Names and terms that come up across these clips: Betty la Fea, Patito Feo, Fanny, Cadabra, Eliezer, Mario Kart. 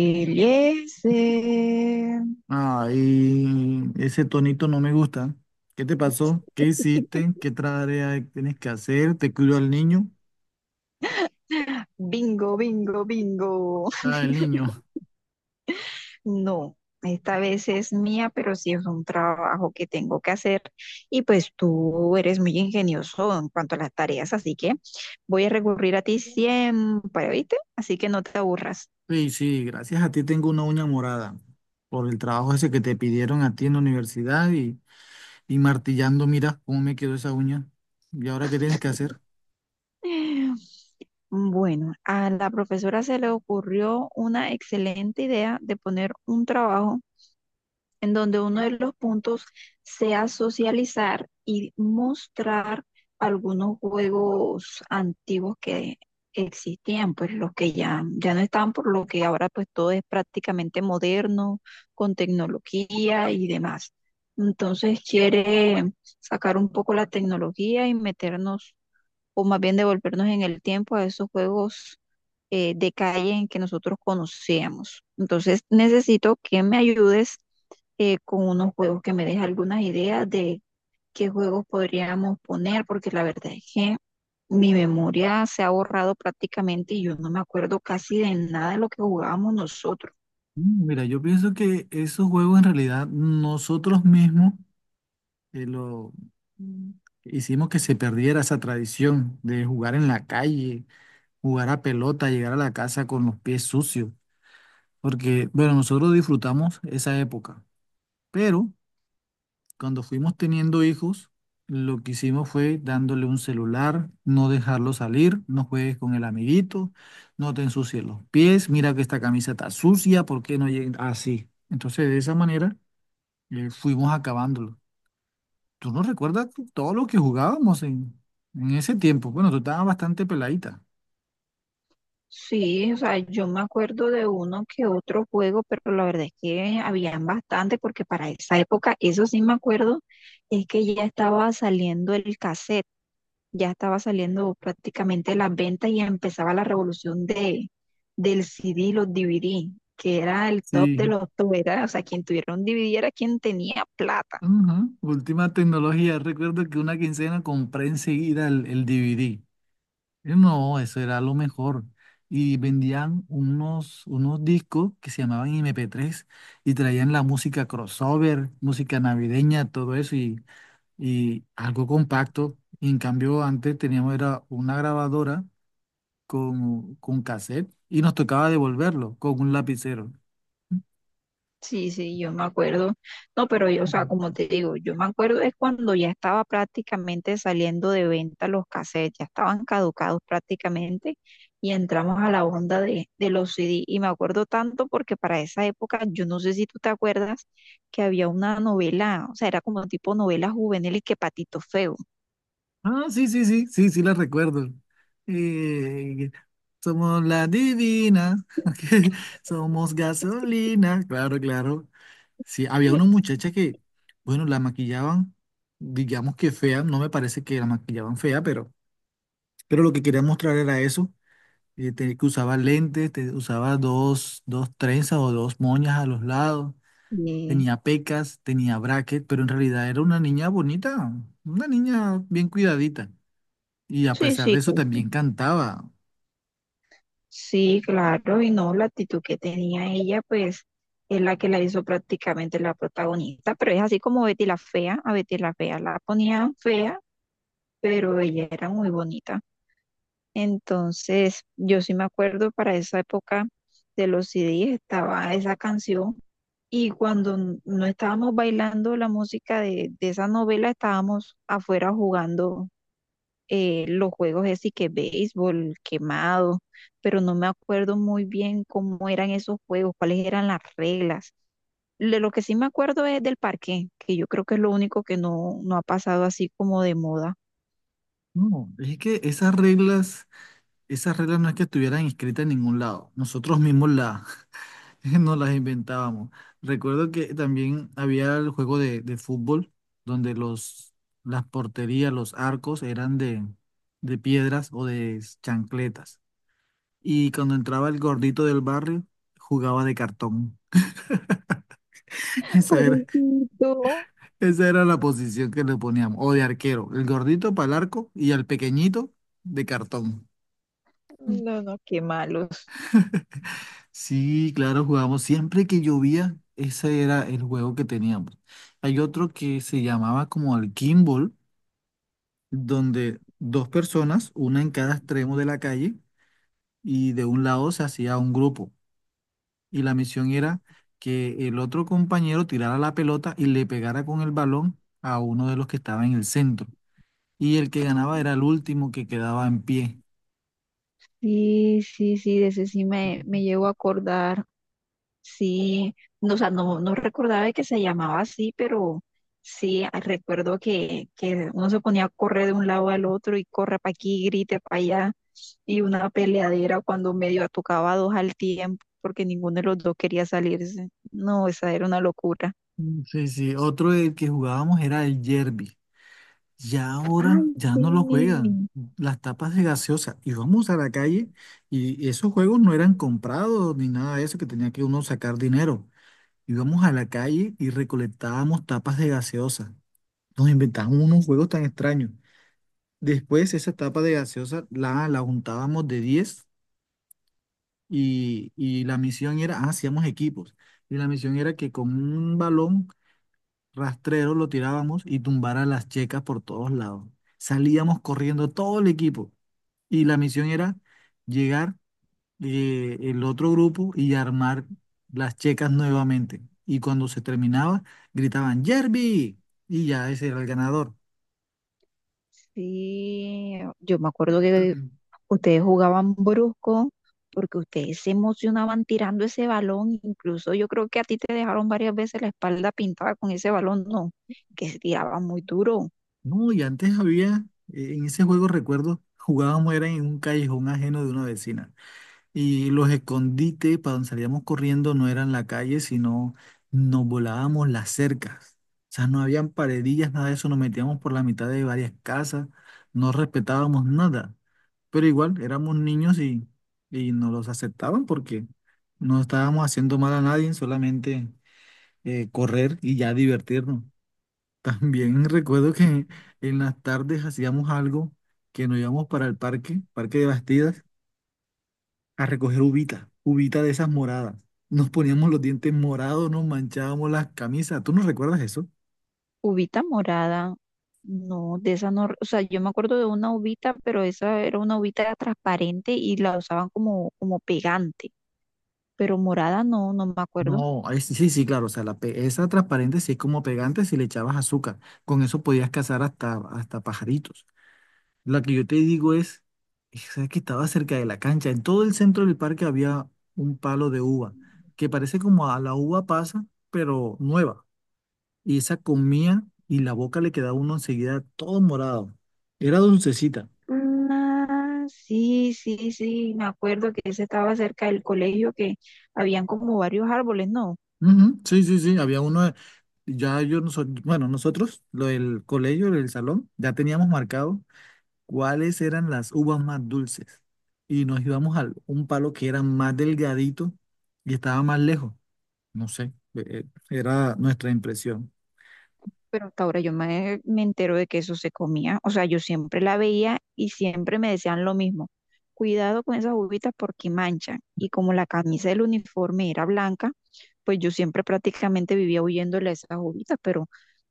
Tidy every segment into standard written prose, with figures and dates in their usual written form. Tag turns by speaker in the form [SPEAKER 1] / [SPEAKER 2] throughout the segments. [SPEAKER 1] Eliezer.
[SPEAKER 2] Ay, ese tonito no me gusta. ¿Qué te pasó? ¿Qué hiciste? ¿Qué tarea tienes que hacer? ¿Te cuidó al niño?
[SPEAKER 1] Bingo, bingo, bingo.
[SPEAKER 2] Ah, el niño.
[SPEAKER 1] No, esta vez es mía, pero sí es un trabajo que tengo que hacer. Y pues tú eres muy ingenioso en cuanto a las tareas, así que voy a recurrir a ti siempre, ¿viste? Así que no te aburras.
[SPEAKER 2] Sí, sí, gracias a ti tengo una uña morada por el trabajo ese que te pidieron a ti en la universidad y martillando, mira cómo me quedó esa uña. ¿Y ahora qué tienes que hacer?
[SPEAKER 1] Bueno, a la profesora se le ocurrió una excelente idea de poner un trabajo en donde uno de los puntos sea socializar y mostrar algunos juegos antiguos que existían, pues los que ya no están, por lo que ahora pues todo es prácticamente moderno, con tecnología y demás. Entonces quiere sacar un poco la tecnología y meternos o más bien devolvernos en el tiempo a esos juegos de calle en que nosotros conocíamos. Entonces necesito que me ayudes con unos juegos, que me des algunas ideas de qué juegos podríamos poner, porque la verdad es que mi memoria se ha borrado prácticamente y yo no me acuerdo casi de nada de lo que jugábamos nosotros.
[SPEAKER 2] Mm, mira, yo pienso que esos juegos en realidad nosotros mismos lo Mm. hicimos que se perdiera esa tradición de jugar en la calle, jugar a pelota, llegar a la casa con los pies sucios, porque, bueno, nosotros disfrutamos esa época, pero cuando fuimos teniendo hijos, lo que hicimos fue dándole un celular, no dejarlo salir, no juegues con el amiguito, no te ensucies los pies, mira que esta camisa está sucia, ¿por qué no llega así? Entonces, de esa manera, fuimos acabándolo. ¿Tú no recuerdas todo lo que jugábamos en ese tiempo? Bueno, tú estabas bastante peladita.
[SPEAKER 1] Sí, o sea, yo me acuerdo de uno que otro juego, pero la verdad es que habían bastante, porque para esa época, eso sí me acuerdo, es que ya estaba saliendo el cassette, ya estaba saliendo prácticamente las ventas y empezaba la revolución del CD y los DVD, que era el top de
[SPEAKER 2] Sí.
[SPEAKER 1] los top, era, o sea, quien tuviera un DVD era quien tenía plata.
[SPEAKER 2] Ajá, última tecnología. Recuerdo que una quincena compré enseguida el DVD. No, eso era lo mejor. Y vendían unos, unos discos que se llamaban MP3 y traían la música crossover, música navideña, todo eso y algo compacto. Y en cambio, antes teníamos era una grabadora con cassette y nos tocaba devolverlo con un lapicero.
[SPEAKER 1] Sí, sí, yo me acuerdo. No, pero yo, o sea, como te digo, yo me acuerdo es cuando ya estaba prácticamente saliendo de venta los cassettes, ya estaban caducados prácticamente y entramos a la onda de los CD. Y me acuerdo tanto porque para esa época, yo no sé si tú te acuerdas, que había una novela, o sea, era como tipo novela juvenil y que Patito Feo.
[SPEAKER 2] Ah, sí, sí, sí, sí, sí, la recuerdo. Eh, Somos la divina, somos gasolina, claro, claro. Sí, había una muchacha que, bueno, la maquillaban, digamos que fea, no me parece que la maquillaban fea, pero lo que quería mostrar era eso, que usaba lentes, usaba dos, dos trenzas o dos moñas a los lados,
[SPEAKER 1] Sí,
[SPEAKER 2] tenía pecas, tenía bracket, pero en realidad era una niña bonita, una niña bien cuidadita. Y a
[SPEAKER 1] sí,
[SPEAKER 2] pesar
[SPEAKER 1] sí,
[SPEAKER 2] de eso también cantaba.
[SPEAKER 1] sí, claro, y no, la actitud que tenía ella, pues es la que la hizo prácticamente la protagonista, pero es así como Betty la Fea, a Betty la Fea la ponían fea, pero ella era muy bonita. Entonces, yo sí me acuerdo para esa época de los CDs estaba esa canción y cuando no estábamos bailando la música de esa novela, estábamos afuera jugando los juegos así que béisbol, quemado, pero no me acuerdo muy bien cómo eran esos juegos, cuáles eran las reglas. De lo que sí me acuerdo es del parque, que yo creo que es lo único que no ha pasado así como de moda.
[SPEAKER 2] No, es que esas reglas no es que estuvieran escritas en ningún lado. Nosotros mismos las nos las inventábamos. Recuerdo que también había el juego de fútbol donde las porterías, los arcos eran de piedras o de chancletas. Y cuando entraba el gordito del barrio, jugaba de cartón. Esa era,
[SPEAKER 1] Pobrecito.
[SPEAKER 2] esa era la posición que le poníamos. O de arquero, el gordito para el arco y al pequeñito de cartón. Mm.
[SPEAKER 1] No, no, qué malos.
[SPEAKER 2] Sí, claro, jugábamos. Siempre que llovía, ese era el juego que teníamos. Hay otro que se llamaba como el Kimball, donde dos personas, una en cada extremo de la calle, y de un lado se hacía un grupo. Y la misión era que el otro compañero tirara la pelota y le pegara con el balón a uno de los que estaba en el centro, y el que ganaba era el último que quedaba en pie.
[SPEAKER 1] Sí, sí, sí, de ese sí me llevo a acordar. Sí, no, o sea, no, no recordaba de que se llamaba así, pero sí recuerdo que uno se ponía a correr de un lado al otro y corre para aquí, grite para allá, y una peleadera cuando medio tocaba dos al tiempo, porque ninguno de los dos quería salirse. No, esa era una locura.
[SPEAKER 2] Mm, sí, sí, otro del que jugábamos era el Yerby. Ya
[SPEAKER 1] Ay,
[SPEAKER 2] ahora ya
[SPEAKER 1] sí.
[SPEAKER 2] no lo juegan. Las tapas de gaseosa. Íbamos a la calle y esos juegos no eran comprados ni nada de eso, que tenía que uno sacar dinero. Íbamos a la calle y recolectábamos tapas de gaseosa. Nos inventábamos unos juegos tan extraños. Después esa tapa de gaseosa la juntábamos de 10 y la misión era, ah, hacíamos equipos, y la misión era que con un balón rastrero lo tirábamos y tumbara las checas por todos lados. Salíamos corriendo todo el equipo y la misión era llegar el otro grupo y armar las checas nuevamente. Y cuando se terminaba, gritaban, Jerby, y ya ese era el ganador.
[SPEAKER 1] Sí, yo me acuerdo que ustedes jugaban brusco porque ustedes se emocionaban tirando ese balón. Incluso yo creo que a ti te dejaron varias veces la espalda pintada con ese balón, no, que se tiraba muy duro.
[SPEAKER 2] No, y antes había, en ese juego recuerdo, jugábamos era en un callejón ajeno de una vecina. Y los escondites para donde salíamos corriendo no eran la calle, sino nos volábamos las cercas. O sea, no habían paredillas, nada de eso, nos metíamos por la mitad de varias casas, no respetábamos nada. Pero igual, éramos niños y nos los aceptaban porque no estábamos haciendo mal a nadie, solamente correr y ya divertirnos. También recuerdo que en las tardes hacíamos algo que nos íbamos para el parque, Parque de Bastidas, a recoger uvita, uvita de esas moradas. Nos poníamos los dientes morados, nos manchábamos las camisas. ¿Tú no recuerdas eso?
[SPEAKER 1] Ubita morada, no, de esa no, o sea, yo me acuerdo de una ubita, pero esa era una ubita transparente y la usaban como pegante, pero morada no, no me acuerdo.
[SPEAKER 2] No, ay, sí, sí, sí, claro. O sea, esa transparente sí es como pegante si le echabas azúcar. Con eso podías cazar hasta, hasta pajaritos. La que yo te digo es, esa que estaba cerca de la cancha. En todo el centro del parque había un palo de uva, que parece como a la uva pasa, pero nueva. Y esa comía y la boca le quedaba uno enseguida todo morado. Era dulcecita.
[SPEAKER 1] Ah, sí, sí, sí, me acuerdo que ese estaba cerca del colegio, que habían como varios árboles, ¿no?
[SPEAKER 2] Ujú, sí, sí, sí, había uno, de- ya yo, no so- bueno, nosotros, lo del colegio, el salón, ya teníamos marcado cuáles eran las uvas más dulces y nos íbamos a un palo que era más delgadito y estaba más lejos, no sé, era nuestra impresión.
[SPEAKER 1] Pero hasta ahora yo me entero de que eso se comía. O sea, yo siempre la veía y siempre me decían lo mismo. Cuidado con esas uvitas porque manchan. Y como la camisa del uniforme era blanca, pues yo siempre prácticamente vivía huyéndole a esas uvitas, pero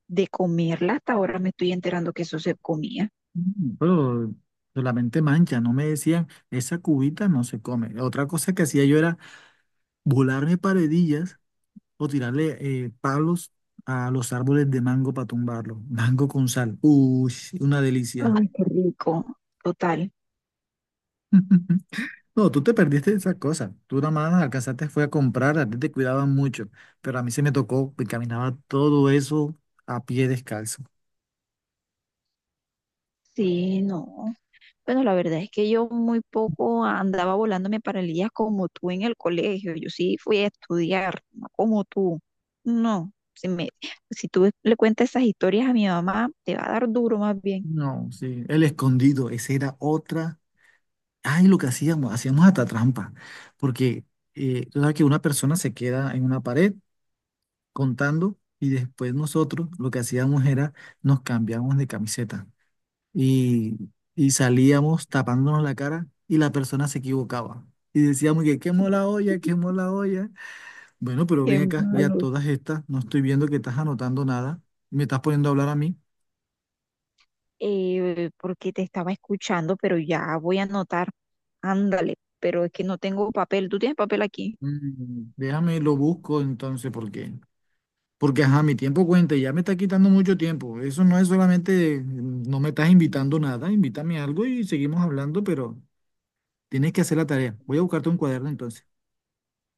[SPEAKER 1] de comerla hasta ahora me estoy enterando que eso se comía.
[SPEAKER 2] Mm, pero solamente mancha, no me decían, esa cubita no se come. Otra cosa que hacía yo era volarme paredillas o tirarle palos a los árboles de mango para tumbarlo. Mango con sal. Uy, una delicia.
[SPEAKER 1] Ay, qué rico. Total.
[SPEAKER 2] No, tú te perdiste de esas cosas. Tú nada más alcanzaste fue a comprar, a ti te cuidaban mucho. Pero a mí se me tocó, me caminaba todo eso a pie descalzo.
[SPEAKER 1] Sí, no. Bueno, la verdad es que yo muy poco andaba volándome paralillas como tú en el colegio. Yo sí fui a estudiar, no como tú. No, si me, si tú le cuentas esas historias a mi mamá, te va a dar duro más bien.
[SPEAKER 2] No, sí. El escondido, esa era otra. Ay, lo que hacíamos, hacíamos hasta trampa. Porque tú sabes que una persona se queda en una pared contando y después nosotros lo que hacíamos era nos cambiamos de camiseta, y, y salíamos tapándonos la cara y la persona se equivocaba. Y decíamos que quemó la olla, quemó la olla. Bueno, pero
[SPEAKER 1] Qué
[SPEAKER 2] ven acá, ya
[SPEAKER 1] malo.
[SPEAKER 2] todas estas, no estoy viendo que estás anotando nada. Me estás poniendo a hablar a mí.
[SPEAKER 1] Porque te estaba escuchando, pero ya voy a anotar. Ándale, pero es que no tengo papel. ¿Tú tienes papel aquí?
[SPEAKER 2] Mm, déjame, lo busco entonces, ¿por qué? Porque, ajá, mi tiempo cuenta y ya me está quitando mucho tiempo. Eso no es solamente, mm, no me estás invitando nada, invítame algo y seguimos hablando, pero tienes que hacer la tarea. Voy a buscarte un cuaderno entonces.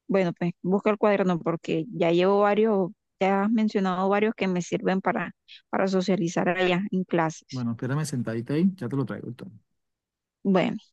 [SPEAKER 1] Bueno, pues busca el cuaderno porque ya llevo varios, ya has mencionado varios que me sirven para socializar allá en clases.
[SPEAKER 2] Bueno, espérame sentadita ahí, ya te lo traigo entonces.
[SPEAKER 1] Bueno.